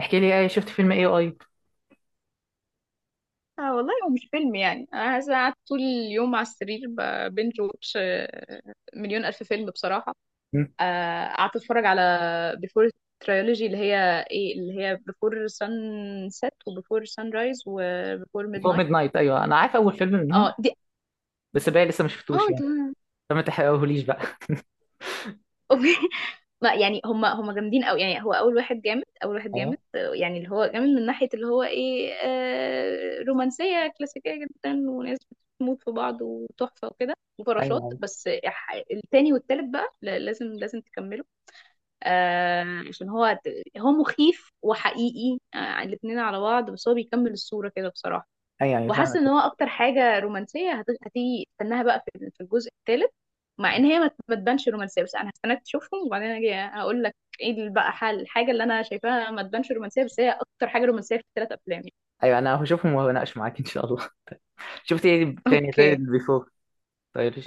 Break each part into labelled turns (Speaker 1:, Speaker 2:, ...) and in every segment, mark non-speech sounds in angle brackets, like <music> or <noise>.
Speaker 1: احكي لي ايه شفت فيلم ايه اي.
Speaker 2: آه والله هو مش فيلم، يعني انا عايزة قاعد طول اليوم على السرير ببنج واتش مليون الف فيلم بصراحة.
Speaker 1: مم.
Speaker 2: قعدت اتفرج على بيفور تريولوجي اللي هي بيفور سان سيت وبيفور سان رايز وبيفور ميد
Speaker 1: فور
Speaker 2: نايت.
Speaker 1: ميد نايت، ايوه انا عارف اول فيلم
Speaker 2: اه
Speaker 1: منهم،
Speaker 2: دي.
Speaker 1: بس باقي لسه ما
Speaker 2: اه
Speaker 1: شفتوش
Speaker 2: انت.
Speaker 1: يعني.
Speaker 2: <laughs>
Speaker 1: فما تحرقهوليش بقى. <laughs>
Speaker 2: اوكي. ما يعني هم جامدين قوي، يعني هو اول واحد جامد، اول واحد جامد،
Speaker 1: ايوه
Speaker 2: يعني اللي هو جامد من ناحية اللي هو ايه رومانسية كلاسيكية جدا، وناس بتموت في بعض وتحفة وكده وفراشات.
Speaker 1: ايوه
Speaker 2: بس التاني والتالت بقى لازم تكمله، عشان هو مخيف وحقيقي، الاتنين على بعض، بس هو بيكمل الصورة كده بصراحة.
Speaker 1: ايوه، يعني
Speaker 2: وحاسه
Speaker 1: فاهمك.
Speaker 2: ان هو اكتر حاجه رومانسيه هتيجي استناها بقى في الجزء الثالث، مع ان هي ما تبانش رومانسيه، بس انا هستناك تشوفهم وبعدين اجي اقول لك ايه بقى حل الحاجه اللي انا شايفاها ما تبانش رومانسيه، بس هي اكتر حاجه رومانسيه في الثلاث افلام <laughs> يعني.
Speaker 1: ايوه انا هشوفهم وهناقش معاك ان شاء الله. <laughs> شفت ايه تاني زي
Speaker 2: اوكي.
Speaker 1: البيفور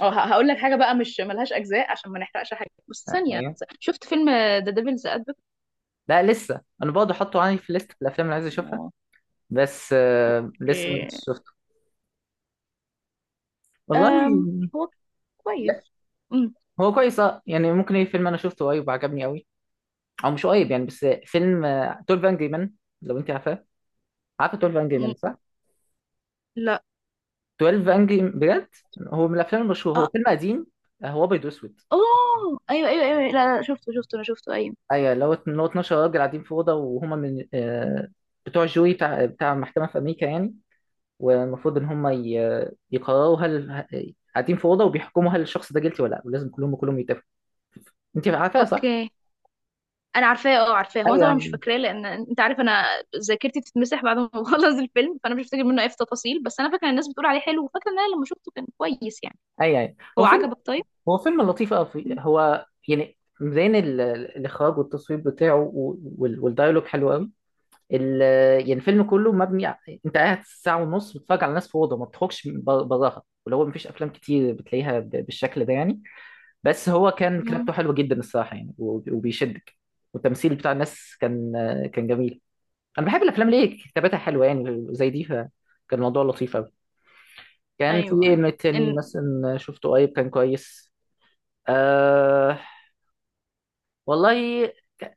Speaker 2: اه هقول لك حاجه بقى مش ملهاش اجزاء عشان ما نحرقش حاجه، بس ثانيه.
Speaker 1: ايوه.
Speaker 2: شفت فيلم ذا ديفلز ادفوكيت؟
Speaker 1: لا لسه، انا برضه حاطه عندي في ليست الافلام اللي عايز اشوفها، بس
Speaker 2: اوكي.
Speaker 1: لسه ما كنتش شفته. والله
Speaker 2: أم هو
Speaker 1: لا،
Speaker 2: كويس. أم،
Speaker 1: هو كويس اه يعني. ممكن ايه، فيلم انا شفته قريب وعجبني قوي، او مش قريب يعني بس فيلم، 12 انجري مان، لو انت عارفاه. عارفه 12 انجري
Speaker 2: أم،
Speaker 1: مان صح؟
Speaker 2: لا.
Speaker 1: 12 انجري، بجد هو من الافلام المشهوره، هو
Speaker 2: اه.
Speaker 1: فيلم قديم. هو ابيض واسود.
Speaker 2: اوه ايوه ايوه ايوه أيوه. لا لا، شفته شفته، انا شفته، ايوه.
Speaker 1: ايوه، اللي هو اللي هو 12 راجل قاعدين في اوضه، وهما من بتوع الجوري بتاع بتاع محكمه في امريكا يعني. والمفروض ان هما يقرروا هل قاعدين في اوضه وبيحكموا هل الشخص ده جيلتي ولا لا، ولازم كلهم يتفقوا. انت عارفها صح؟
Speaker 2: اوكي. انا عارفاه، اه عارفاه، هو أنا
Speaker 1: ايوه
Speaker 2: طبعا مش
Speaker 1: ايوه
Speaker 2: فاكراه لان انت عارف انا ذاكرتي بتتمسح بعد ما <laughs> بخلص الفيلم، فانا مش فاكر منه اي تفاصيل، بس انا فاكره إن الناس بتقول عليه حلو، وفاكره ان انا لما شفته كان كويس يعني.
Speaker 1: ايوه أيوة.
Speaker 2: هو
Speaker 1: هو فيلم،
Speaker 2: عجبك طيب؟
Speaker 1: هو فيلم لطيف قوي.
Speaker 2: مم.
Speaker 1: هو يعني مبين الاخراج والتصوير بتاعه والدايلوج حلو قوي. ال... يعني الفيلم كله انت قاعد ساعة ونص بتتفرج على ناس في أوضة ما بتخرجش براها، ولو هو مفيش أفلام كتير بتلاقيها ب... بالشكل ده يعني. بس هو كان
Speaker 2: مم.
Speaker 1: كتابته حلوة جدا الصراحة يعني، وبيشدك. والتمثيل بتاع الناس كان كان جميل. أنا بحب الأفلام ليه كتابتها حلوة يعني زي دي، فكان الموضوع لطيف أوي. كان في
Speaker 2: ايوه
Speaker 1: إيه
Speaker 2: ايوه.
Speaker 1: من التاني
Speaker 2: إن...
Speaker 1: مثلا شفته قريب كان كويس. أه... والله.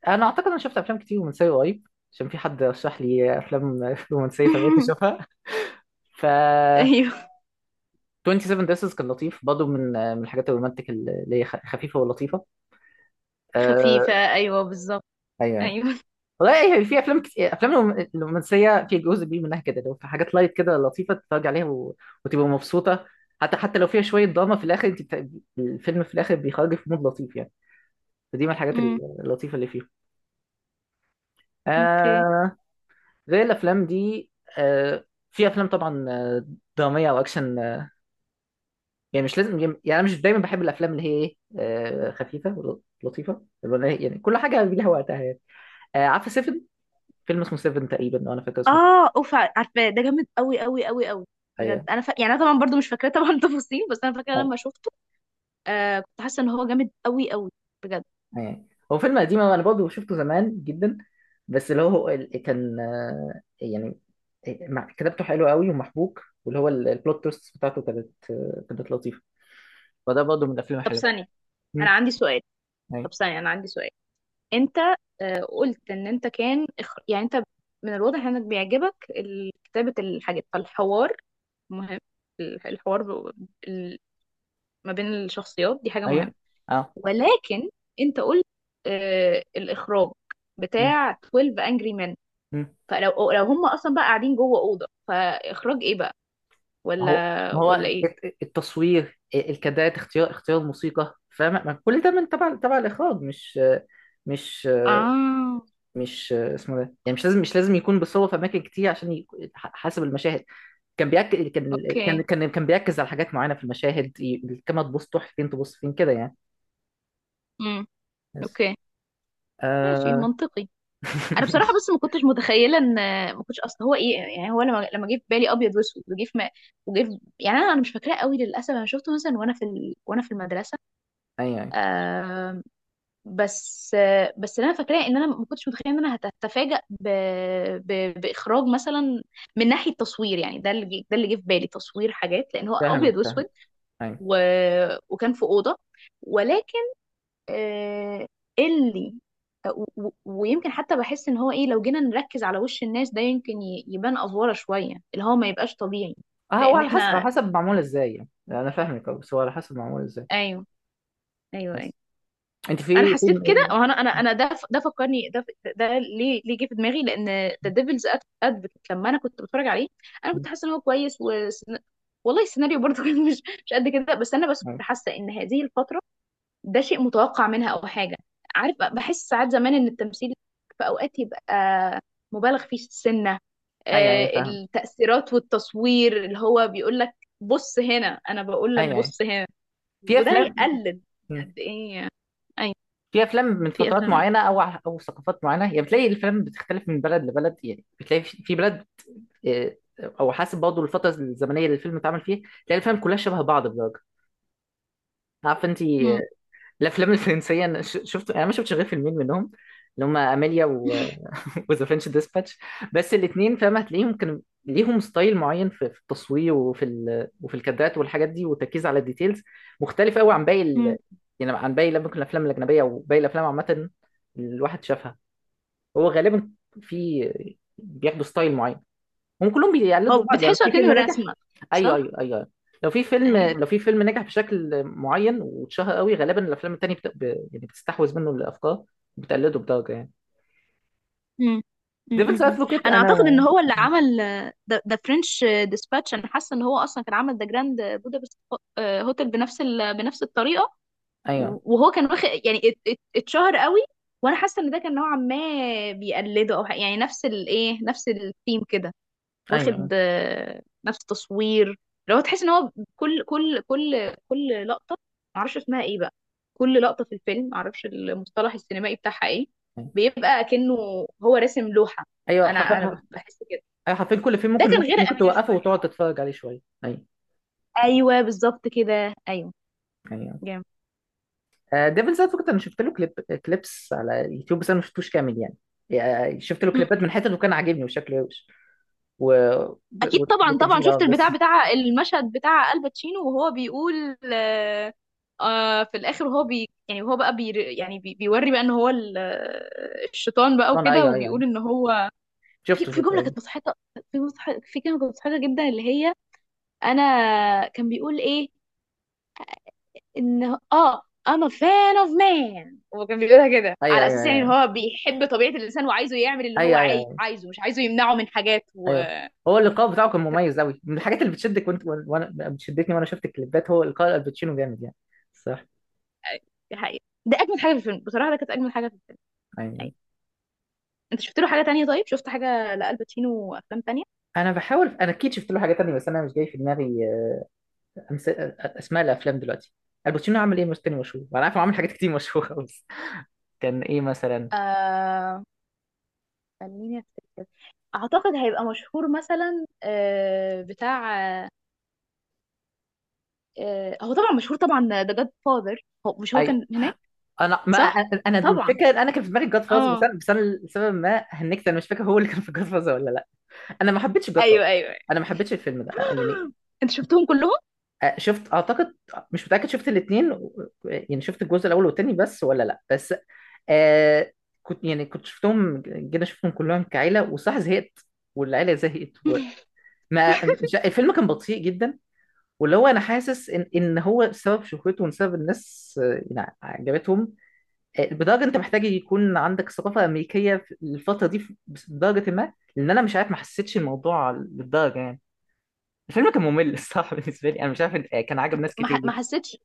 Speaker 1: أنا أعتقد أنا شفت أفلام كتير رومانسية قريب، عشان في حد رشح لي أفلام <laughs> رومانسية، فبقيت
Speaker 2: <laughs>
Speaker 1: أشوفها. ف
Speaker 2: ايوه.
Speaker 1: 27 ديسز كان لطيف برضه، من من الحاجات الرومانتك اللي هي خفيفه ولطيفه. آه،
Speaker 2: خفيفه، ايوه بالظبط.
Speaker 1: ايوه ايوه.
Speaker 2: ايوه.
Speaker 1: والله هي في افلام كتير، افلام الرومانسيه في جزء كبير منها كده، لو في حاجات لايت كده لطيفه تتفرج عليها و... وتبقى مبسوطه. حتى لو فيها شويه دراما في الاخر، انت بت... الفيلم في الاخر بيخرج في مود لطيف يعني. فدي من الحاجات
Speaker 2: مم.
Speaker 1: اللطيفه اللي فيه.
Speaker 2: اوكي.
Speaker 1: آه. غير الافلام دي، آه، في افلام طبعا، دراميه او اكشن. يعني مش لازم يعني، انا مش دايما بحب الافلام اللي هي ايه، خفيفه ولطيفه، اللي هو يعني كل حاجه ليها وقتها يعني. عارفه سيفن؟ فيلم اسمه سيفن تقريبا لو انا فاكر اسمه.
Speaker 2: اه اوف، عارفاه ده جامد قوي قوي قوي قوي بجد.
Speaker 1: ايوه
Speaker 2: انا يعني انا طبعا برضو مش فاكراه طبعا <laughs> تفاصيل، بس انا فاكره لما
Speaker 1: أيوة.
Speaker 2: شفته كنت حاسه ان هو جامد قوي قوي بجد.
Speaker 1: أيوة. هو فيلم قديم انا برضه شفته زمان جدا، بس اللي هو كان يعني، كتابته حلوه قوي ومحبوك، واللي هو البلوت تويست بتاعته كانت كانت لطيفه. فده برضه من الافلام
Speaker 2: طب
Speaker 1: الحلوه.
Speaker 2: ثانيه انا
Speaker 1: مم.
Speaker 2: عندي سؤال.
Speaker 1: ايوه
Speaker 2: طب ثانيه انا عندي سؤال. انت قلت ان انت كان يعني انت من الواضح انك بيعجبك كتابة الحاجات، فالحوار مهم. الحوار ال- ما بين الشخصيات دي حاجة مهمة،
Speaker 1: ايوه اه.
Speaker 2: ولكن انت قلت الاخراج
Speaker 1: مم.
Speaker 2: بتاع 12 Angry Men.
Speaker 1: مم.
Speaker 2: فلو هم اصلا بقى قاعدين جوه أوضة، فاخراج ايه بقى،
Speaker 1: ما هو
Speaker 2: ولا
Speaker 1: ما
Speaker 2: ولا
Speaker 1: هو
Speaker 2: ايه؟
Speaker 1: التصوير، الكادرات، اختيار اختيار الموسيقى، فاهم؟ ما كل ده من تبع تبع الاخراج؟ مش
Speaker 2: اه.
Speaker 1: مش اسمه ده يعني. مش لازم يكون بيصور في اماكن كتير حسب المشاهد. كان بيأكد، كان كان
Speaker 2: اوكي.
Speaker 1: كان كان بيركز على حاجات معينه في المشاهد، الكاميرا تبص تروح فين، تبص فين كده يعني.
Speaker 2: امم.
Speaker 1: بس
Speaker 2: اوكي، ماشي
Speaker 1: آه...
Speaker 2: منطقي.
Speaker 1: <laughs>
Speaker 2: انا بصراحه، بس ما كنتش متخيله ان ما كنتش اصل هو ايه، يعني هو لما جه في بالي ابيض واسود، وجه في ما وجه في، يعني انا مش فاكراه قوي للاسف، انا شفته مثلا وانا في وانا في المدرسه.
Speaker 1: ايوه ايوه،
Speaker 2: آه. بس اللي انا فاكراه ان انا ما كنتش متخيله ان انا هتفاجأ باخراج مثلا، من ناحيه تصوير، يعني ده اللي جه في بالي تصوير حاجات لان هو
Speaker 1: فاهمك
Speaker 2: ابيض واسود،
Speaker 1: فاهم. ايوه
Speaker 2: و... وكان في اوضه، ولكن آه، اللي آه، و- و- ويمكن حتى بحس ان هو ايه، لو جينا نركز على وش الناس، ده يمكن يبان افوره شويه، اللي هو ما يبقاش طبيعي
Speaker 1: اه. هو
Speaker 2: لان
Speaker 1: على حسب، على
Speaker 2: احنا
Speaker 1: حسب معمول
Speaker 2: يعني.
Speaker 1: ازاي يعني، انا فاهمك. بس هو على حسب معمول ازاي.
Speaker 2: ايوه ايوه ايوه.
Speaker 1: بس انت
Speaker 2: انا
Speaker 1: في
Speaker 2: حسيت كده،
Speaker 1: فيلم
Speaker 2: وانا انا ده فكرني ده ليه جه في دماغي، لان ذا ديفلز ادفوكيت لما انا كنت بتفرج عليه انا كنت حاسه ان هو كويس والله السيناريو برضه <laughs> كان مش قد كده، بس انا بس كنت
Speaker 1: ايه؟
Speaker 2: حاسه ان هذه الفتره ده شيء متوقع منها او حاجه. عارف، بحس ساعات زمان ان التمثيل في اوقات يبقى مبالغ فيه سنه،
Speaker 1: ايوه ايوه فاهم.
Speaker 2: التأثيرات والتصوير اللي هو بيقول لك بص هنا، انا بقول لك
Speaker 1: ايوه ايوه.
Speaker 2: بص هنا،
Speaker 1: في
Speaker 2: وده
Speaker 1: افلام،
Speaker 2: هيقلل
Speaker 1: م.
Speaker 2: قد ايه. اي.
Speaker 1: في افلام من
Speaker 2: في
Speaker 1: فترات
Speaker 2: افلام ايه.
Speaker 1: معينه او ثقافات معينه يعني. بتلاقي الافلام بتختلف من بلد لبلد يعني. بتلاقي في في بلد، آه، او حسب برضه الفتره الزمنيه اللي الفيلم اتعمل فيها، تلاقي الافلام كلها شبه بعض بدرجه، عارف انت.
Speaker 2: مم.
Speaker 1: الافلام الفرنسيه أنا شفت، انا ما شفتش غير فيلمين منهم، اللي هم اميليا و...
Speaker 2: <laughs>
Speaker 1: <laughs> وذا فرنش ديسباتش. بس الاثنين، فاهم، هتلاقيهم كانوا ليهم ستايل معين في في التصوير، وفي وفي الكادرات والحاجات دي، والتركيز على الديتيلز، مختلف قوي عن باقي
Speaker 2: مم.
Speaker 1: يعني عن باقي ممكن الافلام الاجنبيه، او باقي الافلام عامه، الواحد شافها. هو غالبا في بياخدوا ستايل معين، هم كلهم بيقلدوا
Speaker 2: هو
Speaker 1: بعض يعني. لو
Speaker 2: بتحسه
Speaker 1: في فيلم
Speaker 2: كأنه
Speaker 1: نجح،
Speaker 2: رسمه،
Speaker 1: ايوه
Speaker 2: صح؟
Speaker 1: ايوه ايوه.
Speaker 2: ايوه.
Speaker 1: لو في فيلم نجح بشكل معين واتشهر قوي، غالبا الافلام التانيه بت... ب... يعني بتستحوذ منه الافكار، بتقلده بدرجه يعني.
Speaker 2: مم. مم.
Speaker 1: ديفلز
Speaker 2: مم.
Speaker 1: ادفوكيت
Speaker 2: انا اعتقد ان
Speaker 1: انا،
Speaker 2: هو اللي عمل ده فرنش ديسباتش، انا حاسه ان هو اصلا كان عمل ده جراند بودابست هوتل بنفس بنفس الطريقه،
Speaker 1: ايوه
Speaker 2: وهو كان واخد يعني اتشهر قوي، وانا حاسه ان ده كان نوعا ما بيقلده، او يعني نفس الايه نفس الثيم كده، واخد
Speaker 1: ايوه
Speaker 2: نفس تصوير. لو تحس ان هو كل لقطه، معرفش اسمها ايه بقى، كل لقطه في الفيلم معرفش المصطلح السينمائي بتاعها ايه،
Speaker 1: ايوه.
Speaker 2: بيبقى كأنه هو راسم لوحه.
Speaker 1: ايوه
Speaker 2: انا
Speaker 1: حرفيا.
Speaker 2: بحس كده.
Speaker 1: ايوه حرفيا كل فيلم،
Speaker 2: ده
Speaker 1: ممكن
Speaker 2: كان
Speaker 1: ممكن
Speaker 2: غير
Speaker 1: ممكن
Speaker 2: اميلي
Speaker 1: توقفه
Speaker 2: شويه،
Speaker 1: وتقعد
Speaker 2: اه.
Speaker 1: تتفرج عليه شويه، ايوه.
Speaker 2: ايوه بالظبط كده، ايوه.
Speaker 1: ايوه.
Speaker 2: جامد.
Speaker 1: آه، ديفل زاد فكرة انا شفت له كليب، كليبس على يوتيوب، بس انا ما شفتوش كامل يعني. شفت له كليبات من حتت، وكان عاجبني وشكله روش و... و...
Speaker 2: اكيد طبعا طبعا،
Speaker 1: والتمثيل اه.
Speaker 2: شفت البتاع
Speaker 1: بس
Speaker 2: بتاع المشهد بتاع الباتشينو وهو بيقول آه. في الاخر هو بي، يعني هو بقى بي، يعني بي بيوري بقى ان هو الشيطان بقى
Speaker 1: انا
Speaker 2: وكده،
Speaker 1: ايوه ايوه
Speaker 2: وبيقول
Speaker 1: ايوه،
Speaker 2: ان هو في
Speaker 1: شفته
Speaker 2: في
Speaker 1: شفته
Speaker 2: جمله
Speaker 1: ايوه.
Speaker 2: كانت مضحكه. في مضحك، في كلمه كانت مضحكه جدا اللي هي، انا، كان بيقول ايه، ان I'm a fan of man. هو كان بيقولها كده
Speaker 1: ايوه
Speaker 2: على
Speaker 1: ايوه
Speaker 2: اساس، يعني ان
Speaker 1: ايوه
Speaker 2: هو بيحب طبيعه الانسان وعايزه يعمل اللي هو
Speaker 1: ايوه ايوه ايوه أيوه.
Speaker 2: عايزه، مش عايزه يمنعه من حاجات.
Speaker 1: أيوه. هو اللقاء بتاعه كان مميز قوي، من الحاجات اللي بتشدك، وانت وانا بتشدتني وانا شفت الكليبات. هو لقاء الباتشينو جامد يعني. صح.
Speaker 2: دي حقيقة ده أجمل حاجة في الفيلم بصراحة، ده كانت أجمل حاجة في الفيلم. أيوة.
Speaker 1: ايوه
Speaker 2: أنت شفت له حاجة تانية؟ طيب شفت حاجة لألباتشينو وأفلام تانية؟
Speaker 1: انا بحاول، انا اكيد شفت له حاجه تانية بس انا مش جاي في دماغي اسماء الافلام دلوقتي. الباتشينو عمل ايه مش تاني مشهور؟ وانا عارف إنه عمل حاجات كتير مشهوره خالص. كان ايه مثلا؟
Speaker 2: آه خليني أفتكر. أعتقد هيبقى مشهور مثلا، بتاع، هو طبعا مشهور طبعا ذا جاد فاذر، هو مش هو
Speaker 1: اي،
Speaker 2: كان هناك،
Speaker 1: انا ما
Speaker 2: صح؟
Speaker 1: انا أنا
Speaker 2: طبعا.
Speaker 1: الفكره إن انا كان في دماغي جاد فاز، بس
Speaker 2: اه.
Speaker 1: انا بس انا لسبب ما هنكت انا مش فاكر هو اللي كان في جاد فاز ولا لا. انا ما حبيتش جاد فاز،
Speaker 2: ايوه ايوه <gasps> أيوة.
Speaker 1: انا ما حبيتش الفيلم ده يعني.
Speaker 2: انت شفتهم كلهم؟
Speaker 1: شفت اعتقد، مش متاكد، شفت الاثنين يعني، شفت الجزء الاول والثاني بس ولا لا. بس آه، كنت يعني كنت شفتهم جينا، شفتهم كلهم كعيله، وصح زهقت والعيله زهقت، وما
Speaker 2: <laughs>
Speaker 1: مش- الفيلم كان بطيء جدا، واللي هو انا حاسس ان ان هو سبب شهرته وسبب الناس يعني عجبتهم، بدرجه انت محتاج يكون عندك ثقافه امريكيه في الفتره دي بدرجه ما، لان انا مش عارف ما حسيتش الموضوع للدرجه يعني. الفيلم كان ممل الصراحه <laughs> بالنسبه لي، انا مش عارف كان عاجب
Speaker 2: كنت
Speaker 1: ناس كتير
Speaker 2: ما
Speaker 1: ليه.
Speaker 2: حسيتش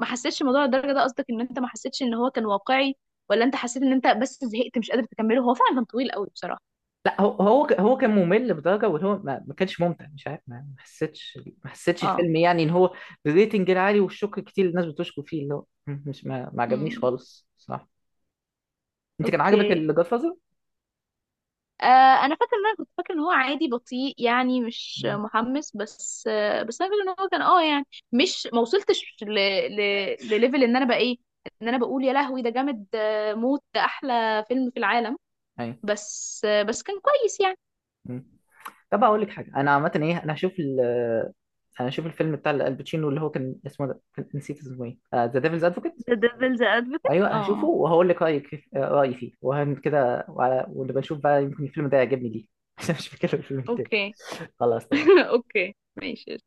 Speaker 2: ما حسيتش الموضوع للدرجه ده، قصدك ان انت ما حسيتش ان هو كان واقعي، ولا انت حسيت ان انت بس زهقت مش قادر تكمله؟ هو فعلا كان طويل قوي بصراحه.
Speaker 1: لا، هو كان ممل بدرجه، واللي هو ما كانش ممتع. مش عارف، ما حسيتش
Speaker 2: اه.
Speaker 1: الفيلم يعني ان هو بالريتنج العالي والشكر كتير اللي الناس بتشكر فيه. اللي هو مش ما عجبنيش
Speaker 2: امم.
Speaker 1: خالص، صح. انت كان عجبك
Speaker 2: اوكي.
Speaker 1: الجاد فازر؟
Speaker 2: آه انا فاكره ان انا كنت فاكره ان هو عادي بطيء، يعني مش محمس، بس انا فاكره ان هو كان يعني، مش ما وصلتش ل... لليفل ان انا بقى ايه، ان انا بقول يا لهوي ده جامد موت، ده احلى فيلم في العالم.
Speaker 1: ايوه.
Speaker 2: بس كان كويس يعني.
Speaker 1: مم. طب اقول لك حاجه، انا عامه ايه، انا هشوف الفيلم بتاع الباتشينو اللي هو كان اسمه ده، كان نسيت اسمه ايه، ذا ديفلز ادفوكيت.
Speaker 2: ذا ديفلز ادفوكيت،
Speaker 1: ايوه هشوفه
Speaker 2: اه.
Speaker 1: وهقول لك رايك رايي فيه وهن كده، ونبقى نشوف بقى، يمكن الفيلم ده يعجبني ليه <laughs> عشان مش فاكر الفيلم التاني.
Speaker 2: اوكي.
Speaker 1: خلاص تمام.
Speaker 2: <laughs> اوكي ماشي.